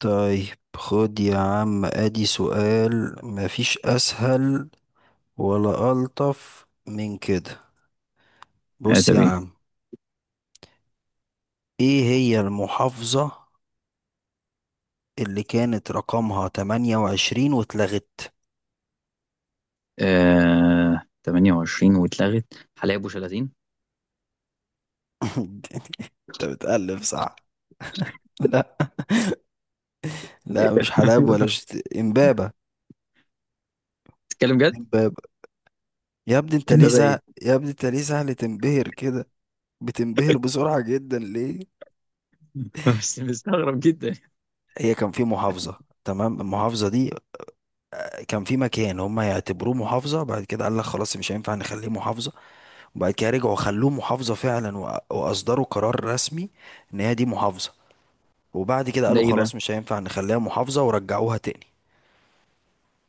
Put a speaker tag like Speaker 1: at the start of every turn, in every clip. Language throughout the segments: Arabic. Speaker 1: طيب، خد يا عم، ادي سؤال مفيش اسهل ولا الطف من كده. بص يا
Speaker 2: ادبي.
Speaker 1: عم، ايه هي المحافظة اللي كانت رقمها 28 واتلغت؟
Speaker 2: آه، 28 واتلغت حلايب ابو شلاتين.
Speaker 1: انت بتألف صح. لا، لا مش حلب ولا امبابة.
Speaker 2: تتكلم جد؟
Speaker 1: امبابة.
Speaker 2: امبابة ايه؟
Speaker 1: يا ابني انت ليه سهل تنبهر كده؟ بتنبهر بسرعة جدا ليه؟
Speaker 2: بس مستغرب جدا.
Speaker 1: هي كان في محافظة، تمام؟ المحافظة دي كان في مكان هم يعتبروه محافظة، بعد كده قال لك خلاص مش هينفع نخليه محافظة، وبعد كده رجعوا خلوه محافظة فعلا، وأ- وأصدروا قرار رسمي إن هي دي محافظة، وبعد كده
Speaker 2: ده
Speaker 1: قالوا
Speaker 2: ايه بقى؟
Speaker 1: خلاص مش هينفع نخليها محافظة ورجعوها تاني.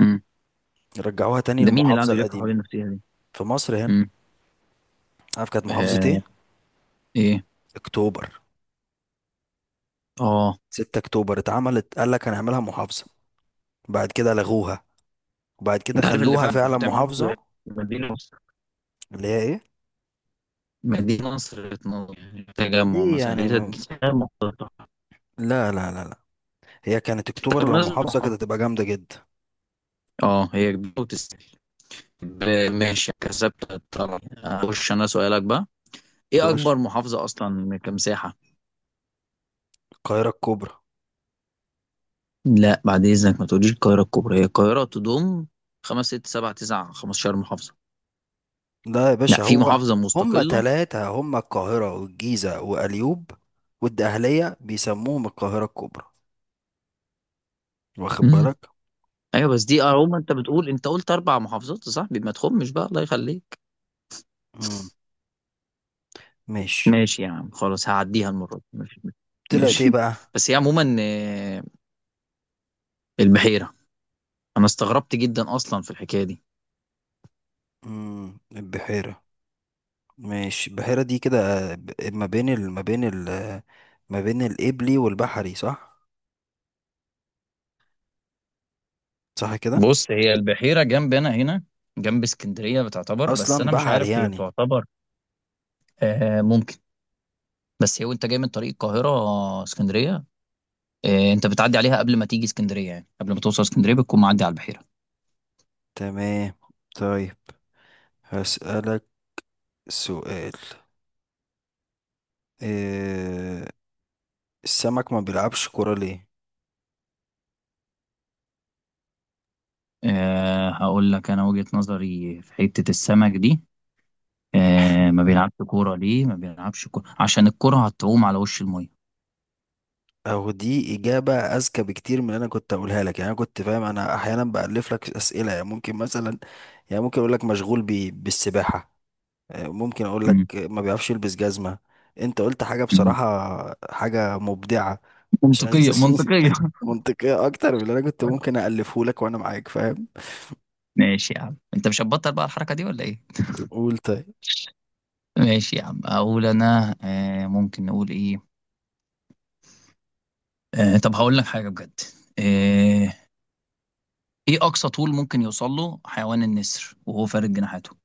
Speaker 2: مم.
Speaker 1: رجعوها تاني
Speaker 2: ده مين اللي
Speaker 1: للمحافظة
Speaker 2: قعدوا يلفوا حوالين
Speaker 1: القديمة.
Speaker 2: النفسيه دي؟
Speaker 1: في مصر هنا.
Speaker 2: مم.
Speaker 1: عارف كانت محافظة ايه؟
Speaker 2: آه. ايه؟
Speaker 1: أكتوبر.
Speaker 2: اه.
Speaker 1: 6 أكتوبر اتعملت، قال لك هنعملها محافظة، بعد كده لغوها، وبعد كده
Speaker 2: انت عارف اللي
Speaker 1: خلوها
Speaker 2: فعلا
Speaker 1: فعلا
Speaker 2: المفروض تعمل محافظ ده،
Speaker 1: محافظة.
Speaker 2: مدينه نصر.
Speaker 1: اللي هي ايه؟
Speaker 2: مدينه نصر تنور، يعني تجمع
Speaker 1: ليه
Speaker 2: مثلا،
Speaker 1: يعني
Speaker 2: دي تجمع مختلطة.
Speaker 1: لا لا لا لا، هي كانت أكتوبر
Speaker 2: طب
Speaker 1: لو
Speaker 2: نازل
Speaker 1: محافظة كانت
Speaker 2: محافظ.
Speaker 1: هتبقى جامدة جدا.
Speaker 2: اه هي كبيره وتستاهل. ماشي كسبت الطلب، اخش انا سؤالك بقى. ايه
Speaker 1: خش.
Speaker 2: اكبر محافظه اصلا كمساحه؟
Speaker 1: القاهرة الكبرى.
Speaker 2: لا بعد إذنك ما تقوليش القاهرة الكبرى، هي القاهرة تضم خمس ست سبع تسع 15 محافظة.
Speaker 1: ده يا
Speaker 2: لا،
Speaker 1: باشا
Speaker 2: في
Speaker 1: هو،
Speaker 2: محافظة
Speaker 1: هما
Speaker 2: مستقلة.
Speaker 1: تلاتة: هما القاهرة والجيزة وأليوب والدقهلية، بيسموهم القاهرة الكبرى. واخد
Speaker 2: امم.
Speaker 1: بالك؟
Speaker 2: ايوه بس دي اهو، ما انت بتقول، انت قلت اربع محافظات يا صاحبي، ما تخمش بقى الله يخليك.
Speaker 1: مم. ماشي.
Speaker 2: ماشي يا عم خلاص، هعديها المرة دي، ماشي.
Speaker 1: طلعت ايه
Speaker 2: ماشي.
Speaker 1: بقى؟
Speaker 2: بس هي عموما البحيرة. انا استغربت جدا اصلا في الحكاية دي.
Speaker 1: مم. البحيرة. ماشي، البحيرة دي كده ما بين ال... ما بين ال... ما بين الإبلي والبحري صح؟ صح كده؟
Speaker 2: بص، هي البحيرة جنب انا هنا، جنب اسكندرية بتعتبر، بس
Speaker 1: أصلا
Speaker 2: انا مش
Speaker 1: بحري
Speaker 2: عارف هي
Speaker 1: يعني.
Speaker 2: تعتبر. آه ممكن. بس هي وانت جاي من طريق القاهرة اسكندرية، إيه، انت بتعدي عليها قبل ما تيجي اسكندريه، يعني قبل ما توصل اسكندريه بتكون معدي على البحيره.
Speaker 1: تمام. طيب، هسألك سؤال. إيه... السمك ما بيلعبش كرة ليه؟
Speaker 2: أه هقول لك انا وجهه نظري في حته السمك دي. أه، ما بيلعبش كوره ليه؟ ما بيلعبش كوره عشان الكوره هتعوم على وش الميه.
Speaker 1: او دي اجابه اذكى بكتير من اللي انا كنت اقولها لك. يعني انا كنت فاهم، انا احيانا بالف لك اسئله، يعني ممكن مثلا، يعني ممكن اقول لك مشغول بالسباحه، ممكن اقول
Speaker 2: مم.
Speaker 1: لك ما بيعرفش يلبس جزمه. انت قلت حاجه
Speaker 2: مم.
Speaker 1: بصراحه، حاجه مبدعه، عشان
Speaker 2: منطقيه منطقيه.
Speaker 1: منطقيه اكتر من اللي انا كنت ممكن الفه لك، وانا معاك فاهم.
Speaker 2: ماشي يا عم، انت مش هتبطل بقى الحركه دي ولا ايه؟
Speaker 1: قول. طيب،
Speaker 2: ماشي يا عم، اقول انا أه ممكن نقول ايه. أه طب هقول لك حاجه بجد. أه. ايه اقصى طول ممكن يوصل له حيوان النسر وهو فارد جناحاته؟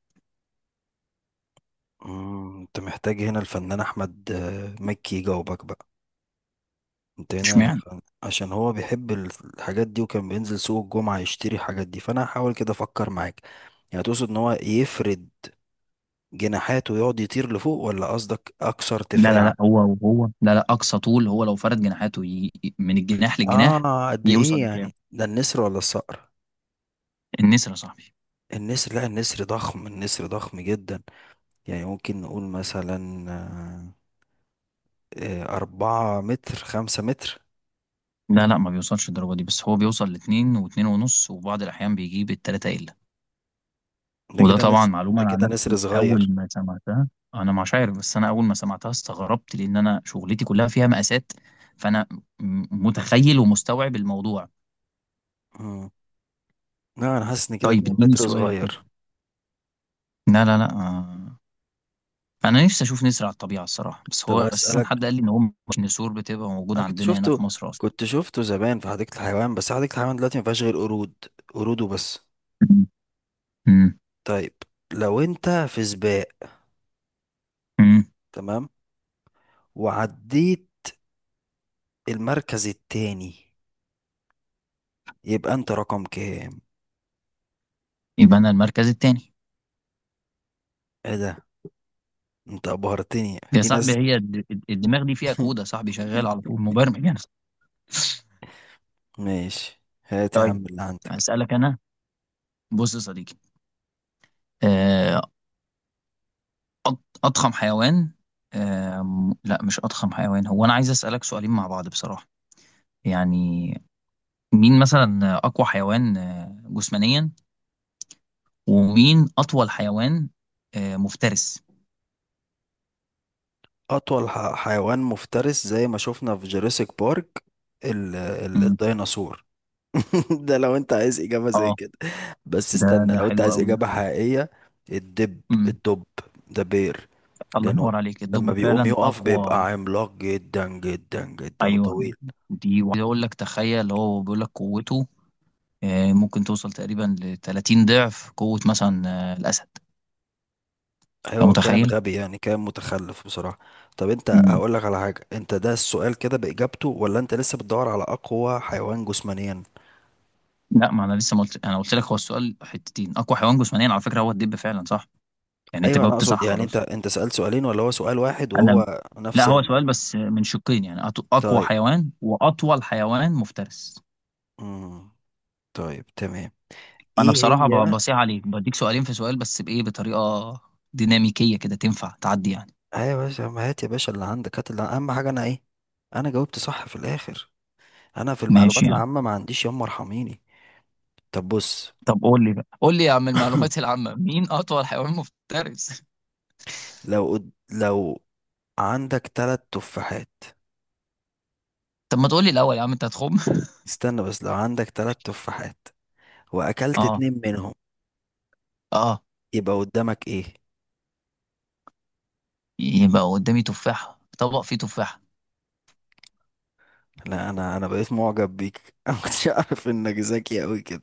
Speaker 1: انت محتاج هنا الفنان احمد مكي يجاوبك بقى. انت هنا
Speaker 2: اشمعنى؟
Speaker 1: عشان هو بيحب الحاجات دي، وكان بينزل سوق الجمعة يشتري الحاجات دي، فانا هحاول كده افكر معاك. يعني تقصد ان هو يفرد جناحاته ويقعد يطير لفوق، ولا قصدك اكثر
Speaker 2: لا لا
Speaker 1: ارتفاع؟
Speaker 2: لا، هو لا لا، اقصى طول هو لو فرد جناحاته من الجناح للجناح،
Speaker 1: اه قد ايه
Speaker 2: يوصل لكام؟
Speaker 1: يعني؟ ده النسر ولا الصقر؟
Speaker 2: النسر يا صاحبي.
Speaker 1: النسر؟ لا النسر ضخم، النسر ضخم جدا. يعني ممكن نقول مثلا، آه، 4 متر، 5 متر.
Speaker 2: لا لا، ما بيوصلش الدرجه دي، بس هو بيوصل لاتنين واتنين ونص، وبعض الاحيان بيجيب التلاته الا.
Speaker 1: ده
Speaker 2: وده
Speaker 1: كده
Speaker 2: طبعا
Speaker 1: نسر.
Speaker 2: معلومه،
Speaker 1: ده
Speaker 2: انا عن
Speaker 1: كده نسر
Speaker 2: نفسي اول
Speaker 1: صغير.
Speaker 2: ما سمعتها انا مش عارف، بس انا اول ما سمعتها استغربت لان انا شغلتي كلها فيها مقاسات، فانا متخيل ومستوعب الموضوع.
Speaker 1: مم. لا أنا حاسس إن كده
Speaker 2: طيب
Speaker 1: اتنين
Speaker 2: اديني
Speaker 1: متر
Speaker 2: سؤال
Speaker 1: صغير.
Speaker 2: كده. لا لا لا. انا نفسي اشوف نسر على الطبيعه الصراحه، بس
Speaker 1: طب
Speaker 2: هو اساسا
Speaker 1: هسألك.
Speaker 2: حد قال لي ان هو مش نسور بتبقى موجوده
Speaker 1: انا
Speaker 2: عندنا هنا في مصر اصلا.
Speaker 1: كنت شفته زمان في حديقة الحيوان، بس حديقة الحيوان دلوقتي ما فيهاش غير قرود. قرود وبس.
Speaker 2: امم.
Speaker 1: طيب، لو انت في سباق،
Speaker 2: امم.
Speaker 1: تمام، وعديت المركز التاني، يبقى انت رقم كام؟
Speaker 2: يبقى انا المركز التاني.
Speaker 1: ايه ده! انت ابهرتني
Speaker 2: يا
Speaker 1: في
Speaker 2: صاحبي،
Speaker 1: ناس.
Speaker 2: هي الدماغ دي فيها كود يا صاحبي، شغال على طول مبرمج يعني.
Speaker 1: ماشي، هات يا
Speaker 2: طيب.
Speaker 1: عم اللي عندك.
Speaker 2: اسالك انا. بص يا صديقي، آه، أض- اضخم حيوان، لا مش اضخم حيوان، هو انا عايز اسالك سؤالين مع بعض بصراحه، يعني مين مثلا اقوى حيوان جسمانيا، ومين اطول حيوان مفترس.
Speaker 1: اطول حيوان مفترس زي ما شفنا في جوراسيك بارك، الديناصور. ده لو انت عايز اجابه زي
Speaker 2: اه
Speaker 1: كده. بس
Speaker 2: ده
Speaker 1: استنى،
Speaker 2: ده
Speaker 1: لو انت
Speaker 2: حلو
Speaker 1: عايز
Speaker 2: قوي ده.
Speaker 1: اجابه حقيقيه: الدب.
Speaker 2: امم.
Speaker 1: الدب، ده بير.
Speaker 2: الله
Speaker 1: لانه
Speaker 2: ينور عليك،
Speaker 1: لما
Speaker 2: الدب
Speaker 1: بيقوم
Speaker 2: فعلا
Speaker 1: يقف
Speaker 2: اقوى.
Speaker 1: بيبقى عملاق جدا جدا جدا
Speaker 2: ايوه.
Speaker 1: وطويل.
Speaker 2: دي وعايز اقول لك تخيل، هو بيقول لك قوته ممكن توصل تقريبا ل 30 ضعف قوة مثلا الاسد. انت
Speaker 1: ايوه، كان
Speaker 2: متخيل؟
Speaker 1: غبي يعني، كان متخلف بصراحه. طب انت
Speaker 2: امم.
Speaker 1: هقول لك على حاجه، انت ده السؤال كده باجابته ولا انت لسه بتدور على اقوى حيوان جسمانيا؟
Speaker 2: لا، ما انا لسه ما قلت، انا قلت لك هو السؤال حتتين، اقوى حيوان جسمانيا على فكرة هو الدب فعلا صح، يعني انت
Speaker 1: ايوه انا
Speaker 2: جاوبت
Speaker 1: اقصد،
Speaker 2: صح
Speaker 1: يعني انت
Speaker 2: خلاص.
Speaker 1: انت سالت سؤالين ولا هو سؤال واحد
Speaker 2: انا
Speaker 1: وهو
Speaker 2: لا،
Speaker 1: نفس
Speaker 2: هو سؤال بس من شقين، يعني اقوى
Speaker 1: طيب.
Speaker 2: حيوان واطول حيوان مفترس.
Speaker 1: امم طيب، تمام.
Speaker 2: انا
Speaker 1: ايه
Speaker 2: بصراحه
Speaker 1: هي؟
Speaker 2: بصيح عليك بديك سؤالين في سؤال، بس بايه؟ بطريقه ديناميكيه كده تنفع تعدي يعني.
Speaker 1: ايوه يا باشا، ما هات يا باشا اللي عندك. هات، اللي اهم حاجه انا ايه؟ انا جاوبت صح في الاخر. انا في
Speaker 2: ماشي
Speaker 1: المعلومات
Speaker 2: يعني.
Speaker 1: العامه ما عنديش، يما ارحميني. طب بص.
Speaker 2: طب قول لي بقى، قول لي يا عم المعلومات العامه، مين اطول حيوان مفترس؟
Speaker 1: لو عندك تلات تفاحات،
Speaker 2: طب ما تقول لي الاول يا عم، انت هتخم.
Speaker 1: استنى، بس لو عندك تلات تفاحات واكلت
Speaker 2: اه.
Speaker 1: اتنين منهم،
Speaker 2: اه.
Speaker 1: يبقى قدامك ايه؟
Speaker 2: يبقى قدامي تفاحه، طبق فيه تفاحه.
Speaker 1: لا انا بقيت معجب بيك. انا ما كنتش اعرف انك ذكي قوي كده.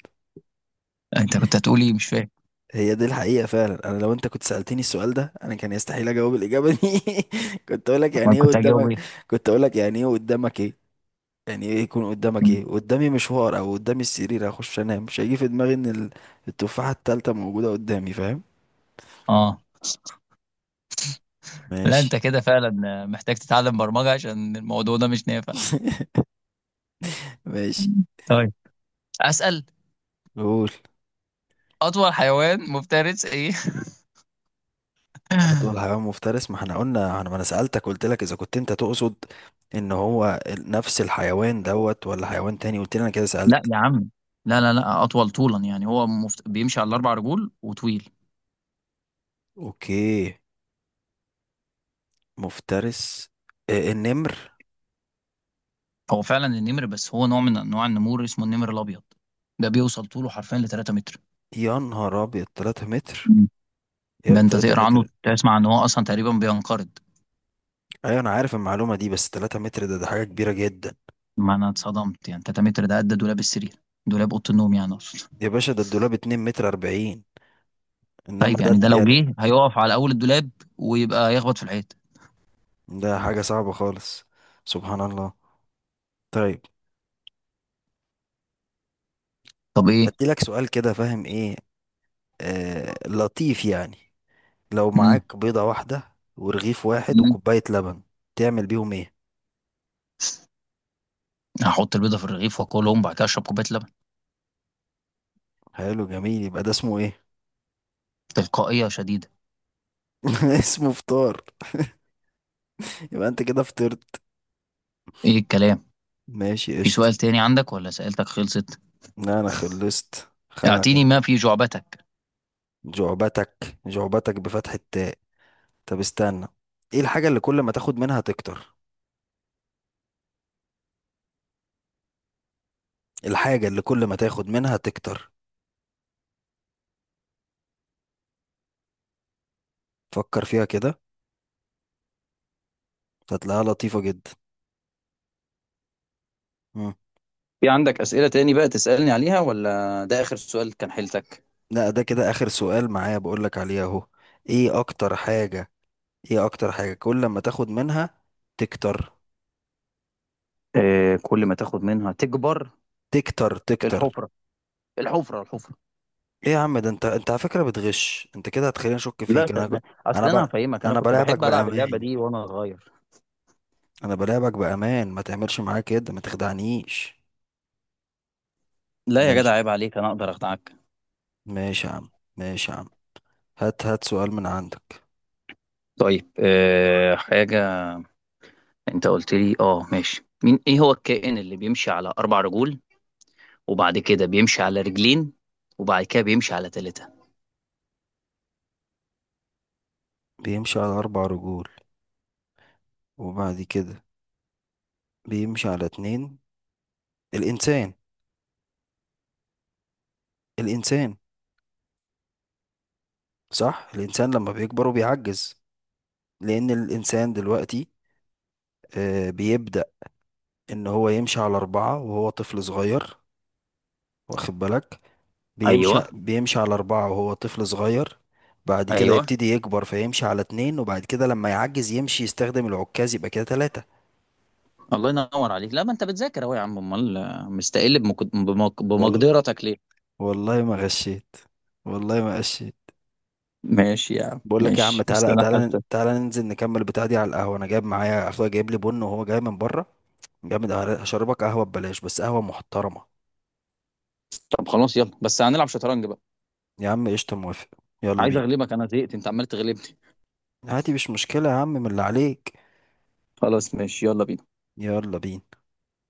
Speaker 2: انت كنت هتقول ايه مش فاهم.
Speaker 1: هي دي الحقيقه فعلا، انا لو انت كنت سالتني السؤال ده، انا كان يستحيل اجاوب الاجابه دي. كنت اقول لك يعني
Speaker 2: انا
Speaker 1: ايه
Speaker 2: كنت هجاوب
Speaker 1: قدامك
Speaker 2: ايه؟
Speaker 1: كنت اقول لك يعني ايه قدامك ايه. يعني ايه يكون قدامك؟
Speaker 2: م.
Speaker 1: ايه قدامي، مشوار؟ او قدامي السرير هخش انام؟ مش هيجي في دماغي ان التفاحة التالتة موجودة قدامي، فاهم؟
Speaker 2: اه. لا انت
Speaker 1: ماشي.
Speaker 2: كده فعلا محتاج تتعلم برمجه، عشان الموضوع ده مش نافع.
Speaker 1: ماشي.
Speaker 2: م. طيب. اسال.
Speaker 1: قول.
Speaker 2: اطول حيوان مفترس ايه؟
Speaker 1: اطول حيوان مفترس، ما احنا قلنا، انا ما انا سألتك، قلت لك اذا كنت انت تقصد ان هو نفس الحيوان دوت ولا حيوان تاني، قلت لي انا كده سألت.
Speaker 2: لا يا عم. لا لا لا، اطول طولا، يعني هو بيمشي على الاربع رجول وطويل.
Speaker 1: اوكي، مفترس، النمر.
Speaker 2: هو فعلا النمر، بس هو نوع من انواع النمور اسمه النمر الابيض. ده بيوصل طوله حرفيا ل 3 متر.
Speaker 1: يا نهار ابيض، 3 متر!
Speaker 2: مم.
Speaker 1: يا
Speaker 2: ده انت
Speaker 1: 3
Speaker 2: تقرا عنه
Speaker 1: متر!
Speaker 2: تسمع ان هو اصلا تقريبا بينقرض.
Speaker 1: ايوه انا عارف المعلومة دي، بس 3 متر ده حاجة كبيرة جدا.
Speaker 2: ما انا اتصدمت، يعني 3 متر ده قد دولاب السرير، دولاب اوضه النوم يعني اقصد.
Speaker 1: يا باشا، ده الدولاب 2 متر 40. انما
Speaker 2: طيب
Speaker 1: ده
Speaker 2: يعني ده لو
Speaker 1: يعني،
Speaker 2: جه هيقف على اول الدولاب ويبقى يخبط في الحيط.
Speaker 1: ده حاجة صعبة خالص. سبحان الله. طيب،
Speaker 2: طب ايه؟
Speaker 1: ادي لك سؤال كده فاهم ايه، لطيف يعني. لو
Speaker 2: مم.
Speaker 1: معاك بيضة واحدة ورغيف واحد
Speaker 2: مم.
Speaker 1: وكوباية لبن، تعمل بيهم ايه؟
Speaker 2: هحط البيضه في الرغيف واكلهم، وبعد كده اشرب كوبايه لبن.
Speaker 1: حلو، جميل، يبقى ده اسمه ايه؟
Speaker 2: تلقائيه شديده.
Speaker 1: اسمه فطار. يبقى انت كده فطرت.
Speaker 2: ايه الكلام.
Speaker 1: ماشي،
Speaker 2: في سؤال
Speaker 1: قشطة.
Speaker 2: تاني عندك ولا سألتك خلصت؟
Speaker 1: لا انا خلصت خلاص.
Speaker 2: اعطيني ما في جعبتك.
Speaker 1: جعبتك، جعبتك بفتح التاء. طب استنى. ايه الحاجة اللي كل ما تاخد منها تكتر؟ الحاجة اللي كل ما تاخد منها تكتر، فكر فيها كده، هتلاقيها لطيفة جدا. مم.
Speaker 2: في عندك أسئلة تاني بقى تسألني عليها ولا ده آخر سؤال كان حيلتك؟
Speaker 1: لا ده كده آخر سؤال معايا بقولك عليه أهو. إيه أكتر حاجة؟ كل ما تاخد منها تكتر،
Speaker 2: آه كل ما تاخد منها تكبر.
Speaker 1: تكتر، تكتر؟
Speaker 2: الحفرة. الحفرة الحفرة.
Speaker 1: إيه يا عم ده! أنت على فكرة بتغش. أنت كده هتخليني أشك
Speaker 2: لا
Speaker 1: فيك. أنا
Speaker 2: صدقني.
Speaker 1: أنا
Speaker 2: أصل
Speaker 1: ب...
Speaker 2: أنا هفهمك، أنا
Speaker 1: أنا
Speaker 2: كنت
Speaker 1: بلاعبك
Speaker 2: بحب ألعب اللعبة
Speaker 1: بأمان،
Speaker 2: دي وأنا صغير.
Speaker 1: أنا بلاعبك بأمان، ما تعملش معايا كده، ما تخدعنيش.
Speaker 2: لا يا جدع،
Speaker 1: ماشي.
Speaker 2: عيب عليك، أنا أقدر أخدعك؟
Speaker 1: ماشي يا عم، ماشي يا عم. هات، هات سؤال من عندك.
Speaker 2: طيب آه حاجة. أنت قلت لي أه ماشي، مين إيه هو الكائن اللي بيمشي على أربع رجول، وبعد كده بيمشي على رجلين، وبعد كده بيمشي على ثلاثة؟
Speaker 1: بيمشي على أربع رجول، وبعد كده بيمشي على اتنين. الإنسان. الإنسان. صح، الإنسان لما بيكبر وبيعجز. لأن الإنسان دلوقتي بيبدأ إن هو يمشي على أربعة وهو طفل صغير، واخد بالك؟
Speaker 2: أيوه.
Speaker 1: بيمشي على أربعة وهو طفل صغير، بعد كده
Speaker 2: أيوه.
Speaker 1: يبتدي يكبر فيمشي على اتنين، وبعد كده لما يعجز يمشي يستخدم العكاز يبقى كده تلاتة.
Speaker 2: الله ينور عليك، لا ما انت بتذاكر اهو يا عم، امال مستقل
Speaker 1: والله،
Speaker 2: بمقدرتك ليه؟
Speaker 1: والله ما غشيت، والله ما غشيت.
Speaker 2: ماشي يا عم
Speaker 1: بقول لك يا عم،
Speaker 2: ماشي، بس
Speaker 1: تعالى
Speaker 2: انا
Speaker 1: تعالى
Speaker 2: حاسس.
Speaker 1: تعالى، ننزل نكمل بتاع دي على القهوة. أنا جايب معايا، أخويا جايب لي بن وهو جاي من بره، جامد أوي. هشربك قهوة ببلاش، بس قهوة محترمة.
Speaker 2: طب خلاص، يلا، بس هنلعب شطرنج بقى.
Speaker 1: يا عم قشطة، موافق. يلا
Speaker 2: عايز
Speaker 1: بينا.
Speaker 2: اغلبك انا، زهقت انت عمال تغلبني.
Speaker 1: هاتي، مش مشكلة يا عم، من اللي عليك.
Speaker 2: خلاص ماشي، يلا بينا.
Speaker 1: يلا بينا.